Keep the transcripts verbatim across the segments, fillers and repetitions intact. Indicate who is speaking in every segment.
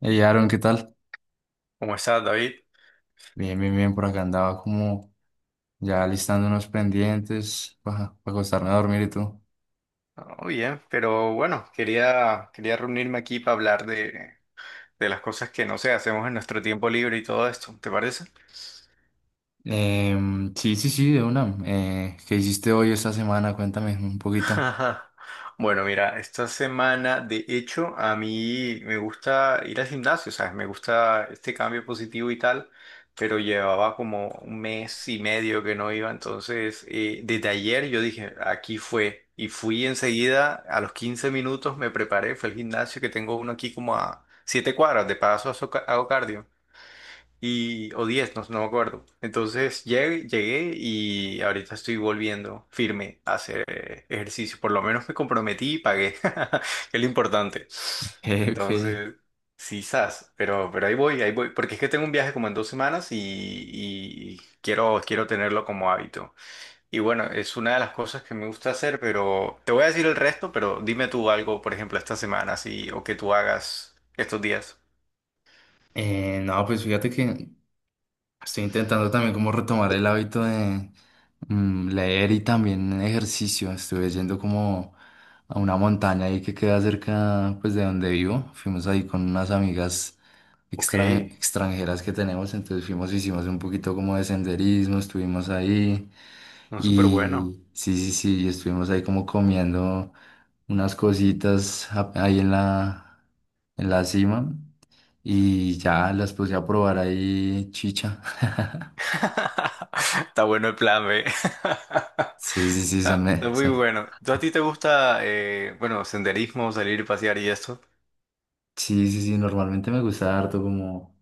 Speaker 1: Hey Aaron, ¿qué tal?
Speaker 2: ¿Cómo estás, David?
Speaker 1: Bien, bien, bien, por acá andaba como ya listando unos pendientes para acostarme a dormir y tú.
Speaker 2: Oh, bien, pero bueno, quería, quería reunirme aquí para hablar de, de las cosas que, no sé, hacemos en nuestro tiempo libre y todo esto, ¿te parece?
Speaker 1: Em, sí, sí, sí, de una. Eh, ¿qué hiciste hoy esta semana? Cuéntame un poquito.
Speaker 2: Ajá. Bueno, mira, esta semana, de hecho, a mí me gusta ir al gimnasio, ¿sabes? Me gusta este cambio positivo y tal, pero llevaba como un mes y medio que no iba, entonces eh, desde ayer yo dije, aquí fue, y fui enseguida, a los quince minutos me preparé, fue al gimnasio que tengo uno aquí como a siete cuadras, de paso hago ca- hago cardio y, o diez no, no me acuerdo. Entonces llegué, llegué y ahorita estoy volviendo firme a hacer eh, ejercicio. Por lo menos me comprometí y pagué, que es lo importante.
Speaker 1: Eh, ok.
Speaker 2: Entonces, sí, sas, pero, pero ahí voy, ahí voy, porque es que tengo un viaje como en dos semanas y, y quiero, quiero tenerlo como hábito. Y bueno, es una de las cosas que me gusta hacer, pero te voy a decir el resto, pero dime tú algo, por ejemplo, esta semana, así, o que tú hagas estos días.
Speaker 1: Eh, no, pues fíjate que estoy intentando también como retomar el hábito de, Mm, leer y también ejercicio. Estuve yendo como a una montaña ahí que queda cerca pues de donde vivo. Fuimos ahí con unas amigas
Speaker 2: Ok,
Speaker 1: extran- extranjeras que tenemos, entonces fuimos, hicimos un poquito como de senderismo, estuvimos ahí
Speaker 2: no, súper bueno.
Speaker 1: y sí, sí, sí, y estuvimos ahí como comiendo unas cositas a- ahí en la, en la cima y ya las puse a probar ahí chicha.
Speaker 2: Está bueno el plan B.
Speaker 1: Sí, sí, sí, son,
Speaker 2: Ah, es
Speaker 1: me-
Speaker 2: muy
Speaker 1: son.
Speaker 2: bueno. ¿Tú a ti te gusta, eh, bueno, senderismo, salir y pasear y esto?
Speaker 1: Sí, sí, sí, normalmente me gusta harto como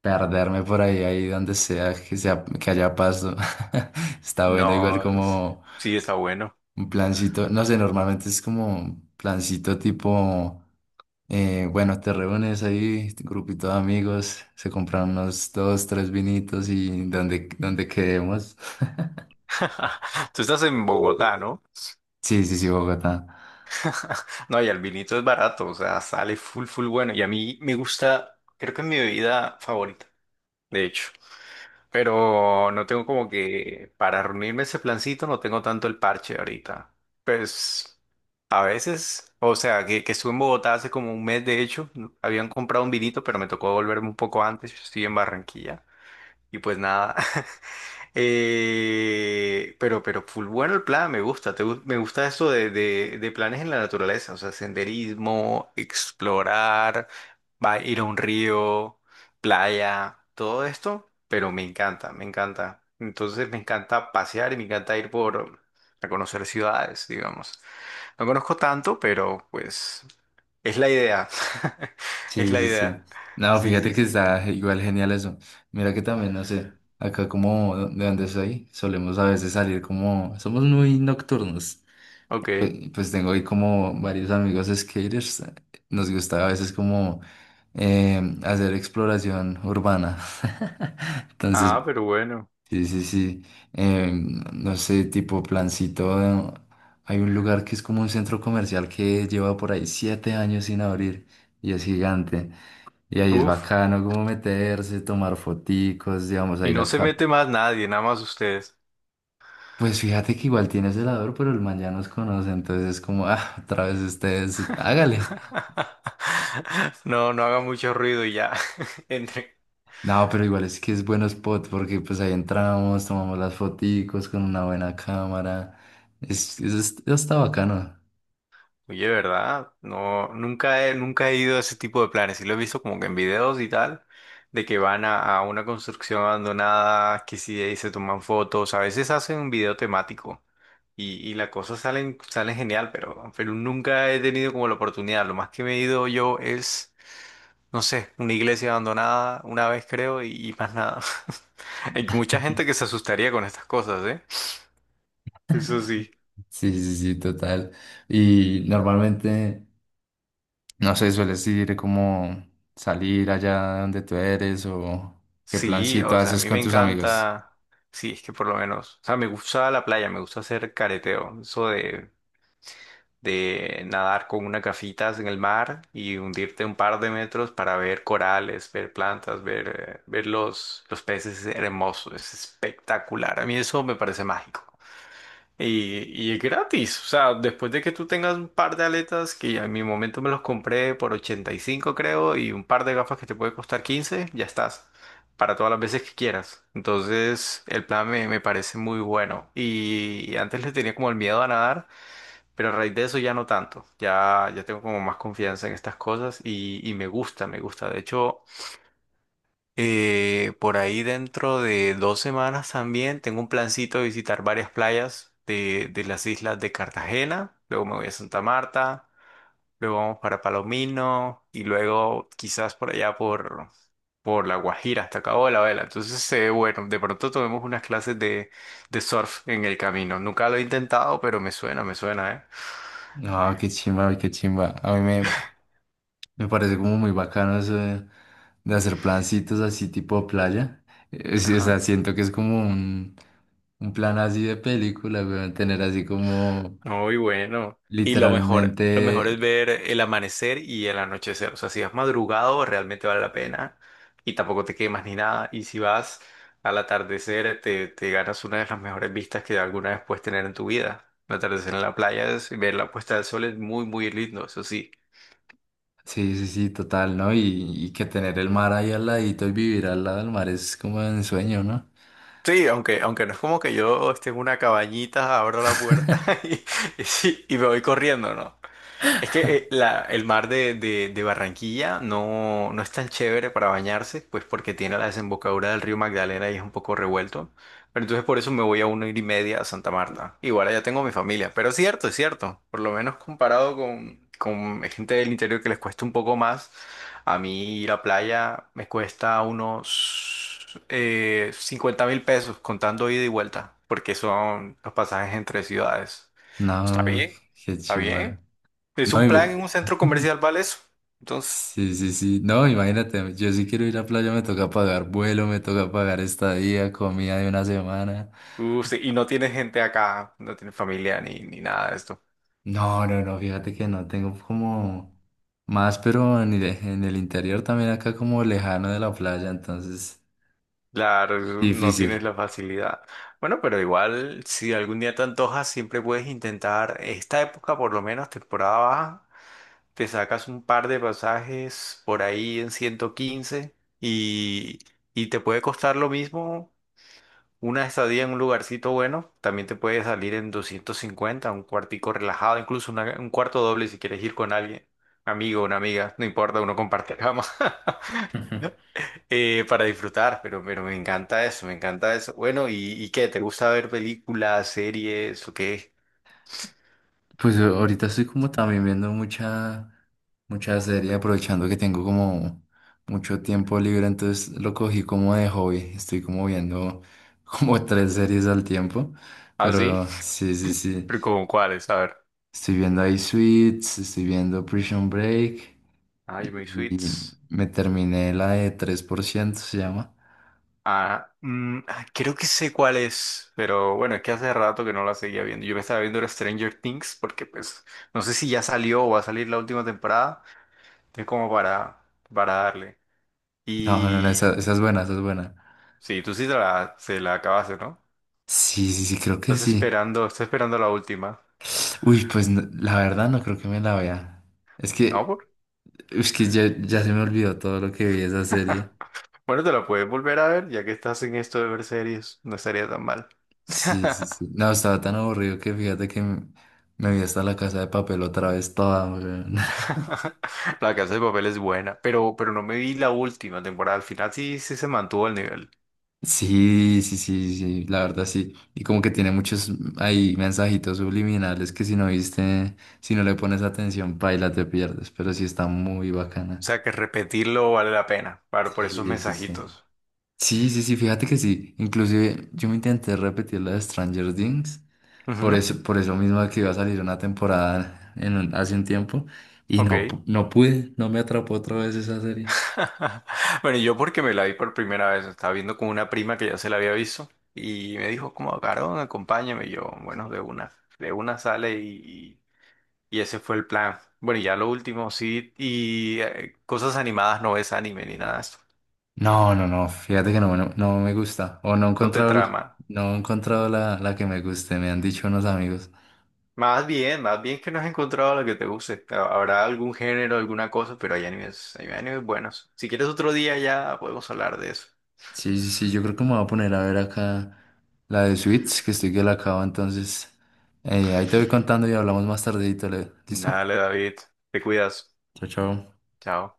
Speaker 1: perderme por ahí, ahí donde sea, que sea, que haya paso. Está bueno, igual
Speaker 2: No, es-
Speaker 1: como
Speaker 2: sí está bueno.
Speaker 1: un plancito, no sé, normalmente es como un plancito tipo, eh, bueno, te reúnes ahí, tu grupito de amigos, se compran unos dos, tres vinitos y donde, donde quedemos.
Speaker 2: Tú estás en Bogotá, ¿no?
Speaker 1: Sí, sí, sí, Bogotá.
Speaker 2: No, y el vinito es barato, o sea, sale full, full bueno. Y a mí me gusta, creo que es mi bebida favorita, de hecho. Pero no tengo como que, para reunirme ese plancito, no tengo tanto el parche ahorita. Pues a veces, o sea, que, que estuve en Bogotá hace como un mes, de hecho, habían comprado un vinito, pero me tocó volverme un poco antes, yo estoy en Barranquilla. Y pues nada, Eh, pero, pero, full bueno el plan, me gusta. te gu- me gusta eso de, de- de planes en la naturaleza, o sea, senderismo, explorar, va, ir a un río, playa, todo esto, pero me encanta, me encanta. Entonces me encanta pasear y me encanta ir por a conocer ciudades, digamos. No conozco tanto, pero pues es la idea. Es
Speaker 1: Sí,
Speaker 2: la
Speaker 1: sí, sí.
Speaker 2: idea.
Speaker 1: No,
Speaker 2: Sí,
Speaker 1: fíjate
Speaker 2: sí,
Speaker 1: que
Speaker 2: sí.
Speaker 1: está igual genial eso. Mira que también, no sé, acá como de donde soy, solemos a veces salir como, somos muy nocturnos. Pues,
Speaker 2: Ok.
Speaker 1: pues tengo ahí como varios amigos skaters. Nos gusta a veces como em, hacer exploración urbana. Entonces,
Speaker 2: Ah, pero bueno.
Speaker 1: sí, sí, sí. Em, no sé, tipo plancito. de- Hay un lugar que es como un centro comercial que lleva por ahí siete años sin abrir y es gigante. Y ahí es
Speaker 2: Uf.
Speaker 1: bacano como meterse, tomar foticos, digamos,
Speaker 2: Y
Speaker 1: ahí
Speaker 2: no
Speaker 1: la
Speaker 2: se
Speaker 1: cara.
Speaker 2: mete más nadie, nada más ustedes.
Speaker 1: Pues fíjate que igual tiene celador, pero el man ya nos conoce, entonces es como, ah, otra vez ustedes, hágale.
Speaker 2: No, no haga mucho ruido y ya. Entre.
Speaker 1: No, pero igual es que es buen spot porque pues ahí entramos, tomamos las foticos con una buena cámara. Es, es, es- está bacano.
Speaker 2: Oye, ¿verdad? No, nunca he, nunca he ido a ese tipo de planes. Sí lo he visto como que en videos y tal, de que van a, a una construcción abandonada, que sí ahí se toman fotos. A veces hacen un video temático y, y las cosas salen, salen genial, pero, pero nunca he tenido como la oportunidad. Lo más que me he ido yo es no sé, una iglesia abandonada una vez creo y, y más nada. Hay mucha gente que se asustaría con estas cosas, ¿eh? Eso sí.
Speaker 1: Sí, sí, sí, total. Y normalmente, no sé, sueles ir como salir allá donde tú eres o qué
Speaker 2: Sí,
Speaker 1: plancito
Speaker 2: o sea, a
Speaker 1: haces
Speaker 2: mí me
Speaker 1: con tus amigos.
Speaker 2: encanta. Sí, es que por lo menos. O sea, me gusta la playa, me gusta hacer careteo. Eso de, de nadar con una gafitas en el mar y hundirte un par de metros para ver corales, ver plantas, ver, eh, ver los, los peces es hermoso, es espectacular. A mí eso me parece mágico. Y, y es gratis, o sea, después de que tú tengas un par de aletas, que en mi momento me los compré por ochenta y cinco creo, y un par de gafas que te puede costar quince ya estás, para todas las veces que quieras. Entonces, el plan me, me parece muy bueno. Y, y antes le tenía como el miedo a nadar, pero a raíz de eso ya no tanto, ya, ya tengo como más confianza en estas cosas y, y me gusta, me gusta. De hecho... Eh, por ahí dentro de dos semanas también tengo un plancito de visitar varias playas de, de las islas de Cartagena. Luego me voy a Santa Marta, luego vamos para Palomino y luego quizás por allá por, por La Guajira hasta Cabo de la Vela. Entonces, eh, bueno, de pronto tomemos unas clases de, de surf en el camino. Nunca lo he intentado, pero me suena, me suena, ¿eh?
Speaker 1: No, qué chimba, qué chimba. A mí me, me parece como muy bacano eso de, de hacer plancitos así tipo playa. Eh, sí, o
Speaker 2: Ajá.
Speaker 1: sea, siento que es como un, un plan así de película, weón, tener así como
Speaker 2: Muy bueno. Y lo mejor, lo mejor es
Speaker 1: literalmente,
Speaker 2: ver el amanecer y el anochecer. O sea, si vas madrugado, realmente vale la pena. Y tampoco te quemas ni nada. Y si vas al atardecer, te, te ganas una de las mejores vistas que alguna vez puedes tener en tu vida. El atardecer en la playa, es, ver la puesta del sol es muy, muy lindo, eso sí.
Speaker 1: sí, sí, sí, total, ¿no? Y, y que tener el mar ahí al ladito y vivir al lado del mar es como un sueño, ¿no?
Speaker 2: Sí, aunque, aunque no es como que yo esté en una cabañita, abro la puerta y, y sí, y me voy corriendo, ¿no? Es que eh, la- el mar de, de- de Barranquilla no, no es tan chévere para bañarse, pues porque tiene la desembocadura del río Magdalena y es un poco revuelto. Pero entonces por eso me voy a una hora y media a Santa Marta. Igual allá tengo mi familia. Pero es cierto, es cierto. Por lo menos comparado con, con gente del interior que les cuesta un poco más. A mí ir a playa me cuesta unos eh, cincuenta mil pesos contando ida y vuelta. Porque son los pasajes entre ciudades. Está
Speaker 1: No,
Speaker 2: bien,
Speaker 1: qué
Speaker 2: está
Speaker 1: chimba.
Speaker 2: bien. Es
Speaker 1: No,
Speaker 2: un plan
Speaker 1: y,
Speaker 2: en un centro comercial, ¿vale eso? Entonces,
Speaker 1: sí, sí, sí. No, imagínate, yo sí quiero ir a playa, me toca pagar vuelo, me toca pagar estadía, comida de una semana.
Speaker 2: uh, sí, y no tienes gente acá, no tienes familia ni, ni nada de esto.
Speaker 1: No, no, no, fíjate que no, tengo como más, pero en el, en el interior también acá como lejano de la playa, entonces
Speaker 2: Claro, no tienes
Speaker 1: difícil.
Speaker 2: la facilidad. Bueno, pero igual, si algún día te antojas, siempre puedes intentar esta época, por lo menos temporada baja, te sacas un par de pasajes por ahí en ciento quince y, y te puede costar lo mismo una estadía en un lugarcito bueno también te puede salir en doscientos cincuenta un cuartico relajado, incluso una- un cuarto doble si quieres ir con alguien, amigo, una amiga, no importa, uno comparte cama eh, para disfrutar, pero, pero me encanta eso, me encanta eso. Bueno, ¿y, y qué? ¿Te gusta ver películas, series o qué?
Speaker 1: Pues eh, ahorita estoy como también viendo mucha, mucha serie, aprovechando que tengo como mucho tiempo libre, entonces lo cogí como de hobby. Estoy como viendo como tres series al tiempo,
Speaker 2: ¿Ah, sí?
Speaker 1: pero sí, sí, sí.
Speaker 2: ¿Pero como cuáles? A ver.
Speaker 1: Estoy viendo ahí Suits, estoy viendo Prison Break
Speaker 2: Ay, mis
Speaker 1: y
Speaker 2: suites.
Speaker 1: me terminé la de tres por ciento se llama.
Speaker 2: Ah, mm, ah, creo que sé cuál es, pero bueno, es que hace rato que no la seguía viendo. Yo me estaba viendo era Stranger Things porque pues no sé si ya salió o va a salir la última temporada, es como para, para darle.
Speaker 1: No, no, no,
Speaker 2: Y
Speaker 1: esa, esa es buena, esa es buena.
Speaker 2: sí, tú sí te la, se la acabaste, ¿no?
Speaker 1: Sí, sí, sí, creo que
Speaker 2: Estás
Speaker 1: sí.
Speaker 2: esperando, estás esperando la última.
Speaker 1: Uy, pues no- la verdad no creo que me la vea. Es
Speaker 2: No,
Speaker 1: que
Speaker 2: por...
Speaker 1: es que ya, ya se me olvidó todo lo que vi de esa serie.
Speaker 2: Bueno, te la puedes volver a ver, ya que estás en esto de ver series, no estaría tan mal.
Speaker 1: Sí, sí, sí. No, estaba tan aburrido que fíjate que me, me vi hasta la Casa de Papel otra vez toda, weón.
Speaker 2: La Casa de Papel es buena, pero, pero no me vi la última temporada. Al final sí, sí se mantuvo al nivel.
Speaker 1: Sí, sí, sí, sí, la verdad sí. Y como que tiene muchos ahí mensajitos subliminales que si no viste, si no le pones atención, paila, te pierdes, pero sí está muy
Speaker 2: O
Speaker 1: bacana.
Speaker 2: sea, que repetirlo vale la pena para, por
Speaker 1: Sí,
Speaker 2: esos
Speaker 1: sí, sí.
Speaker 2: mensajitos.
Speaker 1: Sí, sí, sí, fíjate que sí. Inclusive yo me intenté repetir la de Stranger Things por
Speaker 2: Ujú,
Speaker 1: eso, por eso mismo que iba a salir una temporada en un- hace un tiempo y no,
Speaker 2: ok.
Speaker 1: pu- no pude, no me atrapó otra vez esa serie.
Speaker 2: Bueno, yo porque me la vi por primera vez, estaba viendo con una prima que ya se la había visto y me dijo como, Carón, acompáñame. Y yo, bueno, de una, de una sale y, y ese fue el plan. Bueno, y ya lo último, sí, y eh, cosas animadas no ves anime ni nada de esto.
Speaker 1: No, no, no, fíjate que no, no, no me gusta. O no he
Speaker 2: No te
Speaker 1: encontrado, el-
Speaker 2: trama.
Speaker 1: no he encontrado la, la que me guste, me han dicho unos amigos.
Speaker 2: Más bien, más bien que no has encontrado lo que te guste. Ha- Habrá algún género, alguna cosa, pero hay animes, hay animes buenos. Si quieres otro día ya podemos hablar de eso.
Speaker 1: Sí, sí, sí, yo creo que me voy a poner a ver acá la de Suits, que estoy que la acabo, entonces eh, ahí te voy contando y hablamos más tardito, ¿le- ¿listo?
Speaker 2: Dale, David, te cuidas.
Speaker 1: Chao, chao.
Speaker 2: Chao.